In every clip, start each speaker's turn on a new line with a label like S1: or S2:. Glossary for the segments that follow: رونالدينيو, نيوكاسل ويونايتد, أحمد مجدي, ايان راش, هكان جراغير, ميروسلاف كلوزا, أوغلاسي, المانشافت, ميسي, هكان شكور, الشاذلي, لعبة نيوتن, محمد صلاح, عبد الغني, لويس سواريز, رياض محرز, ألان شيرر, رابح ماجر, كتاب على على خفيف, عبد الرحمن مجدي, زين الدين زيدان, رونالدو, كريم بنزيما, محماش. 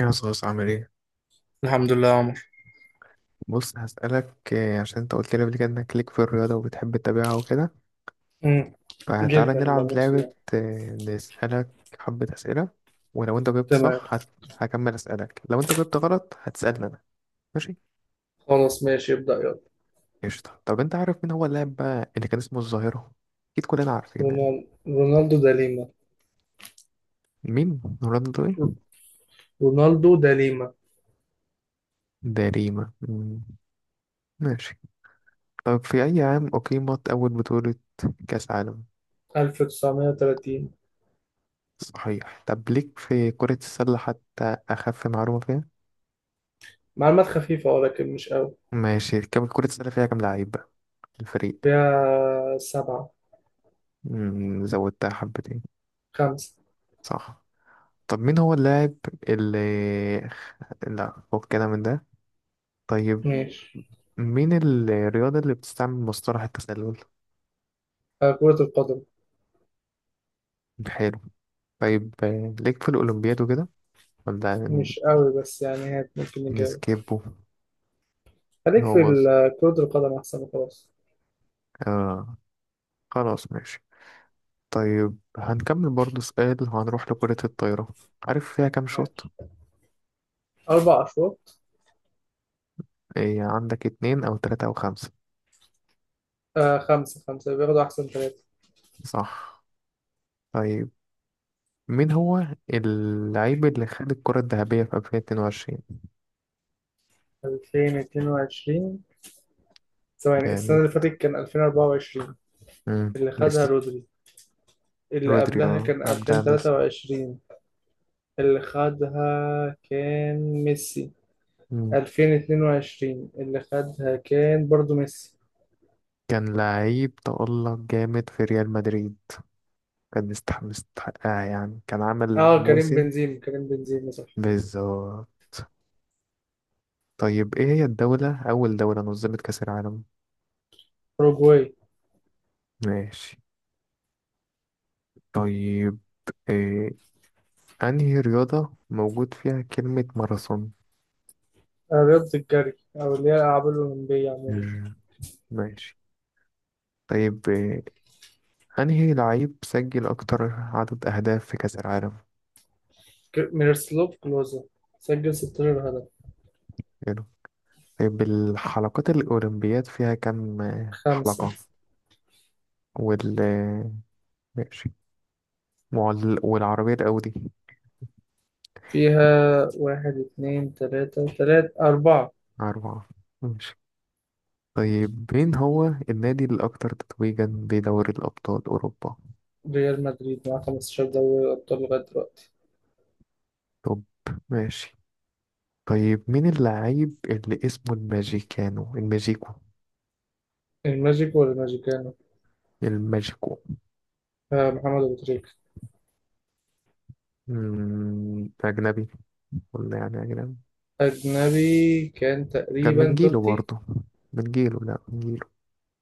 S1: يا صوص، عامل ايه؟
S2: الحمد لله يا عمر.
S1: بص، هسألك عشان انت قلت لي قبل كده انك ليك في الرياضة وبتحب تتابعها وكده.
S2: مم.
S1: فتعالى
S2: جدا
S1: نلعب
S2: بموت
S1: لعبة.
S2: فيها.
S1: نسألك حبة أسئلة. ولو انت جبت
S2: تمام.
S1: صح هكمل أسألك. لو انت جبت غلط هتسألني انا. ماشي؟
S2: خلاص ماشي، ابدأ يلا.
S1: قشطة. طب انت عارف مين هو اللاعب بقى اللي كان اسمه الظاهرة؟ اكيد كلنا عارفين يعني.
S2: رونال- رونالدو دا ليما.
S1: مين رونالدو ايه؟
S2: رونالدو دا ليما.
S1: ده ريما. ماشي. طب في أي عام أقيمت أول بطولة كأس عالم؟
S2: 1930.
S1: صحيح. طب ليك في كرة السلة حتى؟ أخف معلومة فيها.
S2: معلومات خفيفة ولكن مش قوي.
S1: ماشي، كم كرة السلة فيها كام لعيب بقى الفريق؟
S2: فيها سبعة.
S1: مم، زودتها حبتين.
S2: خمسة.
S1: صح. طب مين هو اللاعب اللي خ- لا، فوق كده من ده. طيب.
S2: ماشي.
S1: مين الرياضة اللي بتستعمل مصطلح التسلل؟
S2: كرة القدم.
S1: حلو. طيب، ليك في الأولمبياد وكده؟ ولا
S2: مش قوي بس يعني هات ممكن نجاوب.
S1: نسكيبه؟
S2: خليك
S1: هو
S2: في
S1: بص.
S2: كرة القدم أحسن وخلاص.
S1: آه خلاص، ماشي. طيب، هنكمل برضو سؤال وهنروح لكرة الطايرة. عارف فيها كام شوط؟
S2: ماشي. أربع أشواط.
S1: إيه؟ عندك اتنين أو تلاتة أو خمسة.
S2: خمسة خمسة بياخدوا أحسن ثلاثة.
S1: صح. طيب. مين هو اللعيب اللي خد الكرة الذهبية في 2022؟
S2: 2022، ثواني، السنة
S1: جامد.
S2: اللي فاتت كان 2024. اللي خدها
S1: ميسي.
S2: رودري. اللي
S1: رودري
S2: قبلها كان
S1: عبد العزيز.
S2: 2023، اللي خدها كان ميسي.
S1: مم.
S2: 2022 اللي خدها كان برضو ميسي.
S1: كان لعيب تألق جامد في ريال مدريد. كان مستحقها يعني، كان عمل
S2: اه كريم
S1: موسم.
S2: بنزيما كريم بنزيما صح.
S1: بالظبط. طيب، ايه هي الدولة أول دولة نظمت كأس العالم؟
S2: أوروجواي.
S1: ماشي. طيب، إيه أنهي رياضة موجود فيها كلمة ماراثون؟
S2: رياضة الجري، أو اللي هي الألعاب الأولمبية عموما.
S1: مم. ماشي. طيب، أنهي لعيب سجل أكتر عدد أهداف في كأس العالم؟
S2: ميروسلاف كلوزا سجل 16 هدف.
S1: حلو. طيب، الحلقات الأولمبياد فيها كم
S2: خمسة.
S1: حلقة؟ وال آه، ماشي. والعربية الأودي.
S2: فيها واحد اتنين تلاتة تلاتة أربعة.
S1: أربعة. ماشي. طيب، مين هو النادي الأكثر تتويجا بدوري الأبطال أوروبا؟
S2: ريال مدريد مع 15 دوري أبطال لغاية دلوقتي.
S1: طب. ماشي. طيب، مين اللاعب اللي اسمه الماجيكو؟
S2: الماجيك ولا الماجيكانو؟
S1: الماجيكو.
S2: محمد أبو تريكة.
S1: أجنبي ولا يعني أجنبي.
S2: أجنبي كان
S1: كان من
S2: تقريبا
S1: جيله
S2: توتي.
S1: برضه. من جيله، لا، من جيله.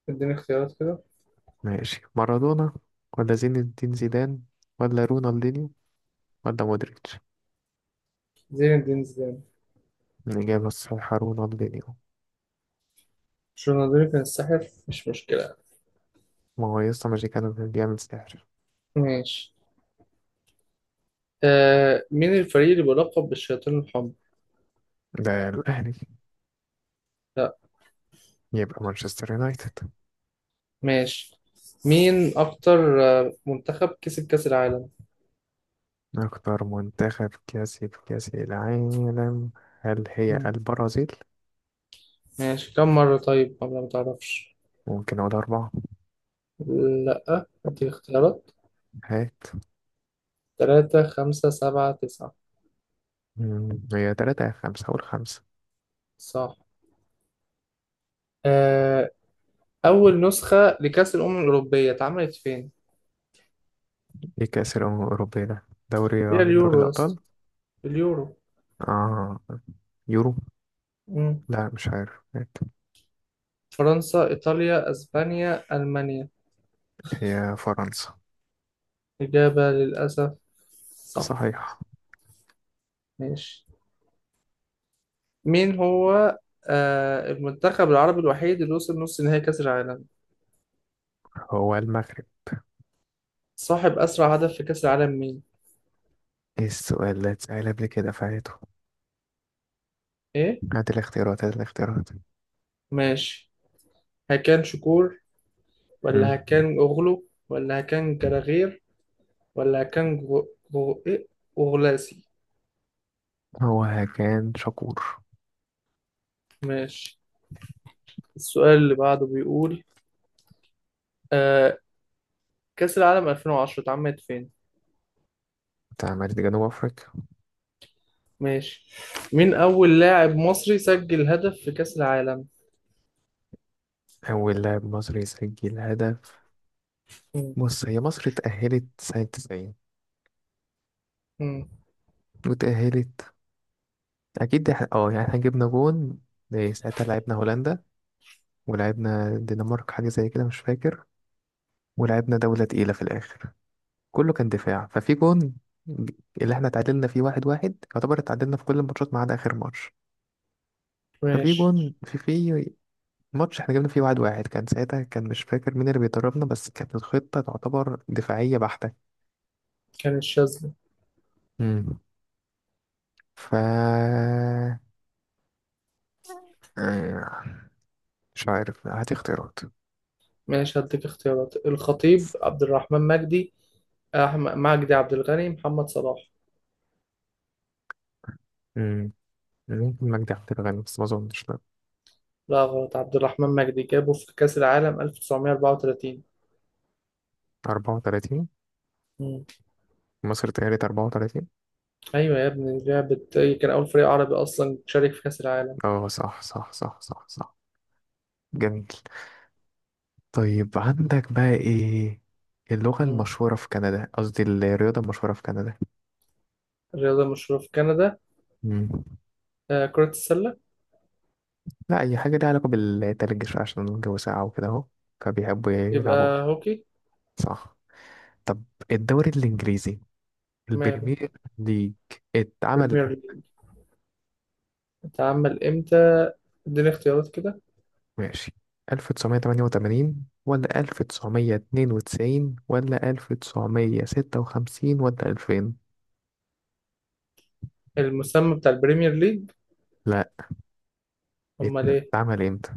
S2: اديني اختيارات كده.
S1: ماشي. مارادونا ولا زين الدين زيدان ولا رونالدينيو ولا مودريتش؟
S2: زين الدين زيدان.
S1: الإجابة الصحيحة رونالدينيو.
S2: رونالدينيو كان الساحر، مش مشكلة.
S1: ما هو يسطا، مش كان بيعمل سحر؟
S2: ماشي. مين الفريق اللي بيلقب بالشياطين الحمر؟
S1: ده الأهلي.
S2: لا.
S1: يبقى مانشستر يونايتد.
S2: ماشي. مين أكتر منتخب كسب كأس العالم؟
S1: أكتر منتخب كاسب كأس العالم، هل هي
S2: مم.
S1: البرازيل؟
S2: ماشي، كم مرة؟ طيب ولا ما تعرفش؟
S1: ممكن أقول أربعة.
S2: لا، اديني اختيارات.
S1: هات.
S2: تلاتة خمسة سبعة تسعة.
S1: هي تلاتة يا خمسة. أقول خمسة.
S2: صح. آه، أول نسخة لكأس الأمم الأوروبية اتعملت فين؟
S1: إيه كأس الأمم الأوروبية ده؟ دوري.
S2: هي
S1: دوري
S2: اليورو يا اسطى.
S1: الأبطال؟
S2: اليورو.
S1: آه يورو؟
S2: مم.
S1: لا، مش عارف، هات.
S2: فرنسا إيطاليا أسبانيا ألمانيا.
S1: هي فرنسا.
S2: إجابة للأسف صح.
S1: صحيح.
S2: ماشي. مين هو المنتخب العربي الوحيد اللي وصل نص نهائي كأس العالم؟
S1: هو المغرب.
S2: صاحب أسرع هدف في كأس العالم مين؟
S1: ايه؟ السؤال ده اتسأل قبل كده، فايته.
S2: إيه؟
S1: هات الاختيارات، هات الاختيارات.
S2: ماشي. هكان شكور، ولا
S1: مم.
S2: هكان أوغلو، ولا هكان جراغير، ولا هكان غو... غو... إيه أوغلاسي.
S1: هو كان شكور.
S2: ماشي. السؤال اللي بعده بيقول آه كأس العالم 2010 اتعملت فين؟
S1: بتاع مجلس جنوب افريقيا.
S2: ماشي. مين أول لاعب مصري سجل هدف في كأس العالم؟
S1: اول لاعب مصري يسجل هدف.
S2: مم.
S1: بص، هي مصر اتأهلت سنة 90.
S2: مم.
S1: وتأهلت. اكيد يعني احنا جبنا جون. ساعتها لعبنا هولندا. ولعبنا الدنمارك حاجة زي كده، مش فاكر. ولعبنا دولة تقيلة في الآخر. كله كان دفاع ففي جون. ج- اللي احنا اتعادلنا فيه 1-1، يعتبر اتعادلنا في كل الماتشات ما عدا آخر ماتش. ففي
S2: ماشي.
S1: جون في ماتش احنا جبنا فيه 1-1، كان ساعتها، كان مش فاكر مين اللي بيدربنا، بس كانت الخطة تعتبر دفاعية بحتة.
S2: كان الشاذلي.
S1: امم ف آه، مش عارف، هات اختيارات.
S2: ماشي، هديك اختيارات: الخطيب، عبد الرحمن مجدي، أحمد مجدي، عبد الغني، محمد صلاح.
S1: مم. ممكن مجدي عبد الغني بس ما اظنش، لا.
S2: لا غلط، عبد الرحمن مجدي جابه في كأس العالم 1934.
S1: 34.
S2: مم.
S1: مصر تقريبا 34.
S2: أيوة يا ابني لعبة، كان أول فريق عربي أصلا شارك في كأس العالم.
S1: اه، صح، صح، صح، صح، صح. جميل. طيب، عندك بقى ايه اللغة
S2: مم.
S1: المشهورة في كندا، قصدي الرياضة المشهورة في كندا؟
S2: الرياضة المشهورة في كندا؟
S1: مم.
S2: كرة السلة.
S1: لا، أي حاجة ليها علاقة بالتلج شوية عشان الجو ساقع وكده أهو. فبيحبوا
S2: يبقى
S1: يلعبوها.
S2: هوكي.
S1: صح. طب الدوري الإنجليزي
S2: ماله.
S1: البريمير ليج اتعمل
S2: بريمير ليج.
S1: إمتى؟
S2: اتعمل امتى؟ اديني اختيارات كده.
S1: ماشي. 1988 ولا 1992 ولا 1956 ولا 2000؟
S2: المسمى بتاع البريمير ليج.
S1: لا،
S2: امال ايه؟
S1: اتعمل امتى،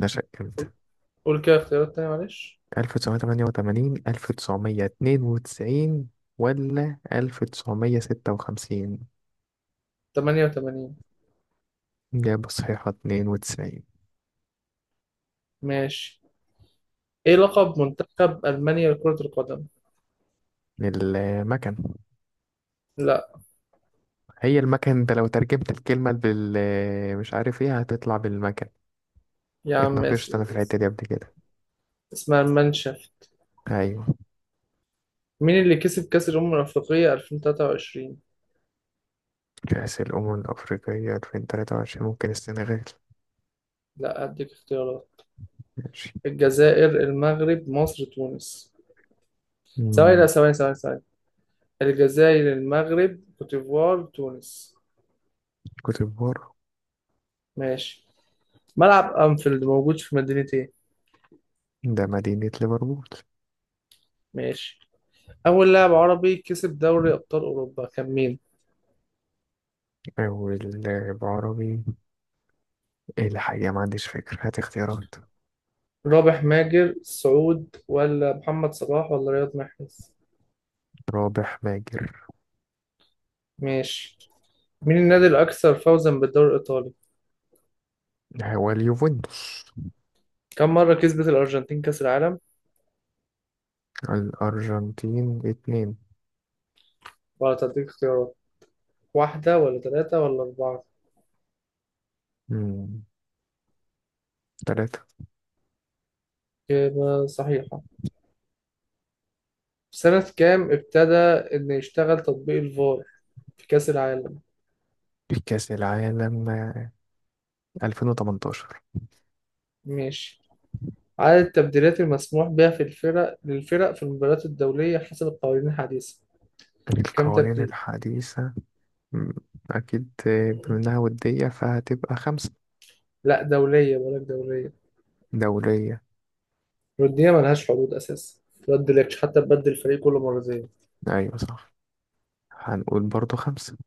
S1: نشأ امتى؟
S2: قول كده اختيارات تانية معلش.
S1: 1988، 1992 ولا 1956؟
S2: 88.
S1: إجابة صحيحة 92.
S2: ماشي. ايه لقب منتخب المانيا لكرة القدم؟
S1: المكن.
S2: لا.
S1: هي المكن، انت لو ترجمت الكلمة بال، مش عارف ايه هتطلع، بالمكن.
S2: يا عم ماشي.
S1: اتناقشت انا في الحتة دي قبل كده.
S2: اسمها المانشافت.
S1: ايوه.
S2: مين اللي كسب كأس الأمم الأفريقية 2023؟
S1: كأس الأمم الأفريقية 2023، ممكن السنغال.
S2: لا، اديك اختيارات.
S1: ماشي.
S2: الجزائر المغرب مصر تونس. ثواني، لا،
S1: مم،
S2: ثواني ثواني ثواني. الجزائر المغرب كوت ديفوار تونس.
S1: كوت ديفوار.
S2: ماشي. ملعب أنفيلد موجود في مدينة ايه؟
S1: ده مدينة ليفربول.
S2: ماشي. أول لاعب عربي كسب دوري أبطال أوروبا كان مين؟
S1: والعربي، الحقيقة ما عنديش فكرة، هات اختيارات.
S2: رابح ماجر سعود، ولا محمد صلاح، ولا رياض محرز؟
S1: رابح ماجر.
S2: ماشي. مين النادي الأكثر فوزا بالدوري الإيطالي؟
S1: هو اليوفنتوس.
S2: كم مرة كسبت الأرجنتين كأس العالم؟
S1: الأرجنتين اتنين.
S2: ولا تديك اختيارات؟ واحدة ولا ثلاثة ولا أربعة؟
S1: مم، تلاتة.
S2: إجابة صحيحة. سنة كام ابتدى إن يشتغل تطبيق الفار في كأس العالم؟
S1: كأس العالم 2018.
S2: ماشي. عدد التبديلات المسموح بها في الفرق للفرق في المباريات الدولية حسب القوانين الحديثة، كم
S1: القوانين
S2: تبديل؟
S1: الحديثة. م، أكيد، بما إنها ودية فهتبقى خمسة.
S2: لا دولية، بقول لك دولية.
S1: دولية.
S2: الودية ملهاش حدود أساسا، متبدلكش حتى، تبدل الفريق كل مرتين.
S1: أيوة، صح. هنقول برضو خمسة.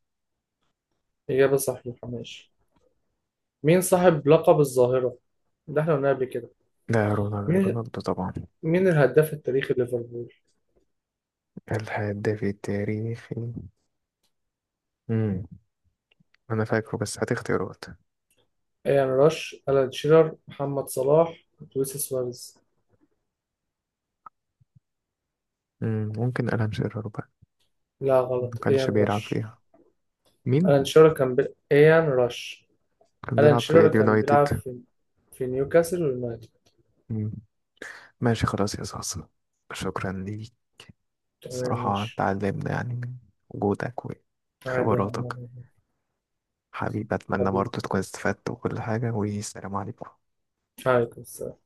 S2: إجابة صح محماش. مين صاحب لقب الظاهرة؟ ده احنا قلنا قبل كده.
S1: ده رونالدو،
S2: مين
S1: رونالدو طبعا.
S2: مين الهداف التاريخي ليفربول؟
S1: الهداف التاريخي. مم. أنا فاكره بس هات اختيارات.
S2: ايان راش، ألان شيرر، محمد صلاح، لويس سواريز.
S1: ممكن ألان شيرر بقى.
S2: لا
S1: ما
S2: غلط،
S1: كانش
S2: ايان
S1: بيلعب
S2: راش.
S1: فيها. مين؟
S2: ألان شيرر كان ايان راش.
S1: كان
S2: ألان
S1: بيلعب في
S2: شيرر كان
S1: اليونايتد.
S2: بيلعب في في نيوكاسل ويونايتد.
S1: مم. ماشي، خلاص يا صاصة. شكرا ليك.
S2: تمام
S1: صراحة
S2: ماشي.
S1: تعلمنا يعني من وجودك
S2: عادي يا
S1: وخبراتك.
S2: عم.
S1: حبيبي، أتمنى
S2: حبيبي،
S1: برضه تكون استفدت وكل حاجة، والسلام عليكم.
S2: عليكم السلام.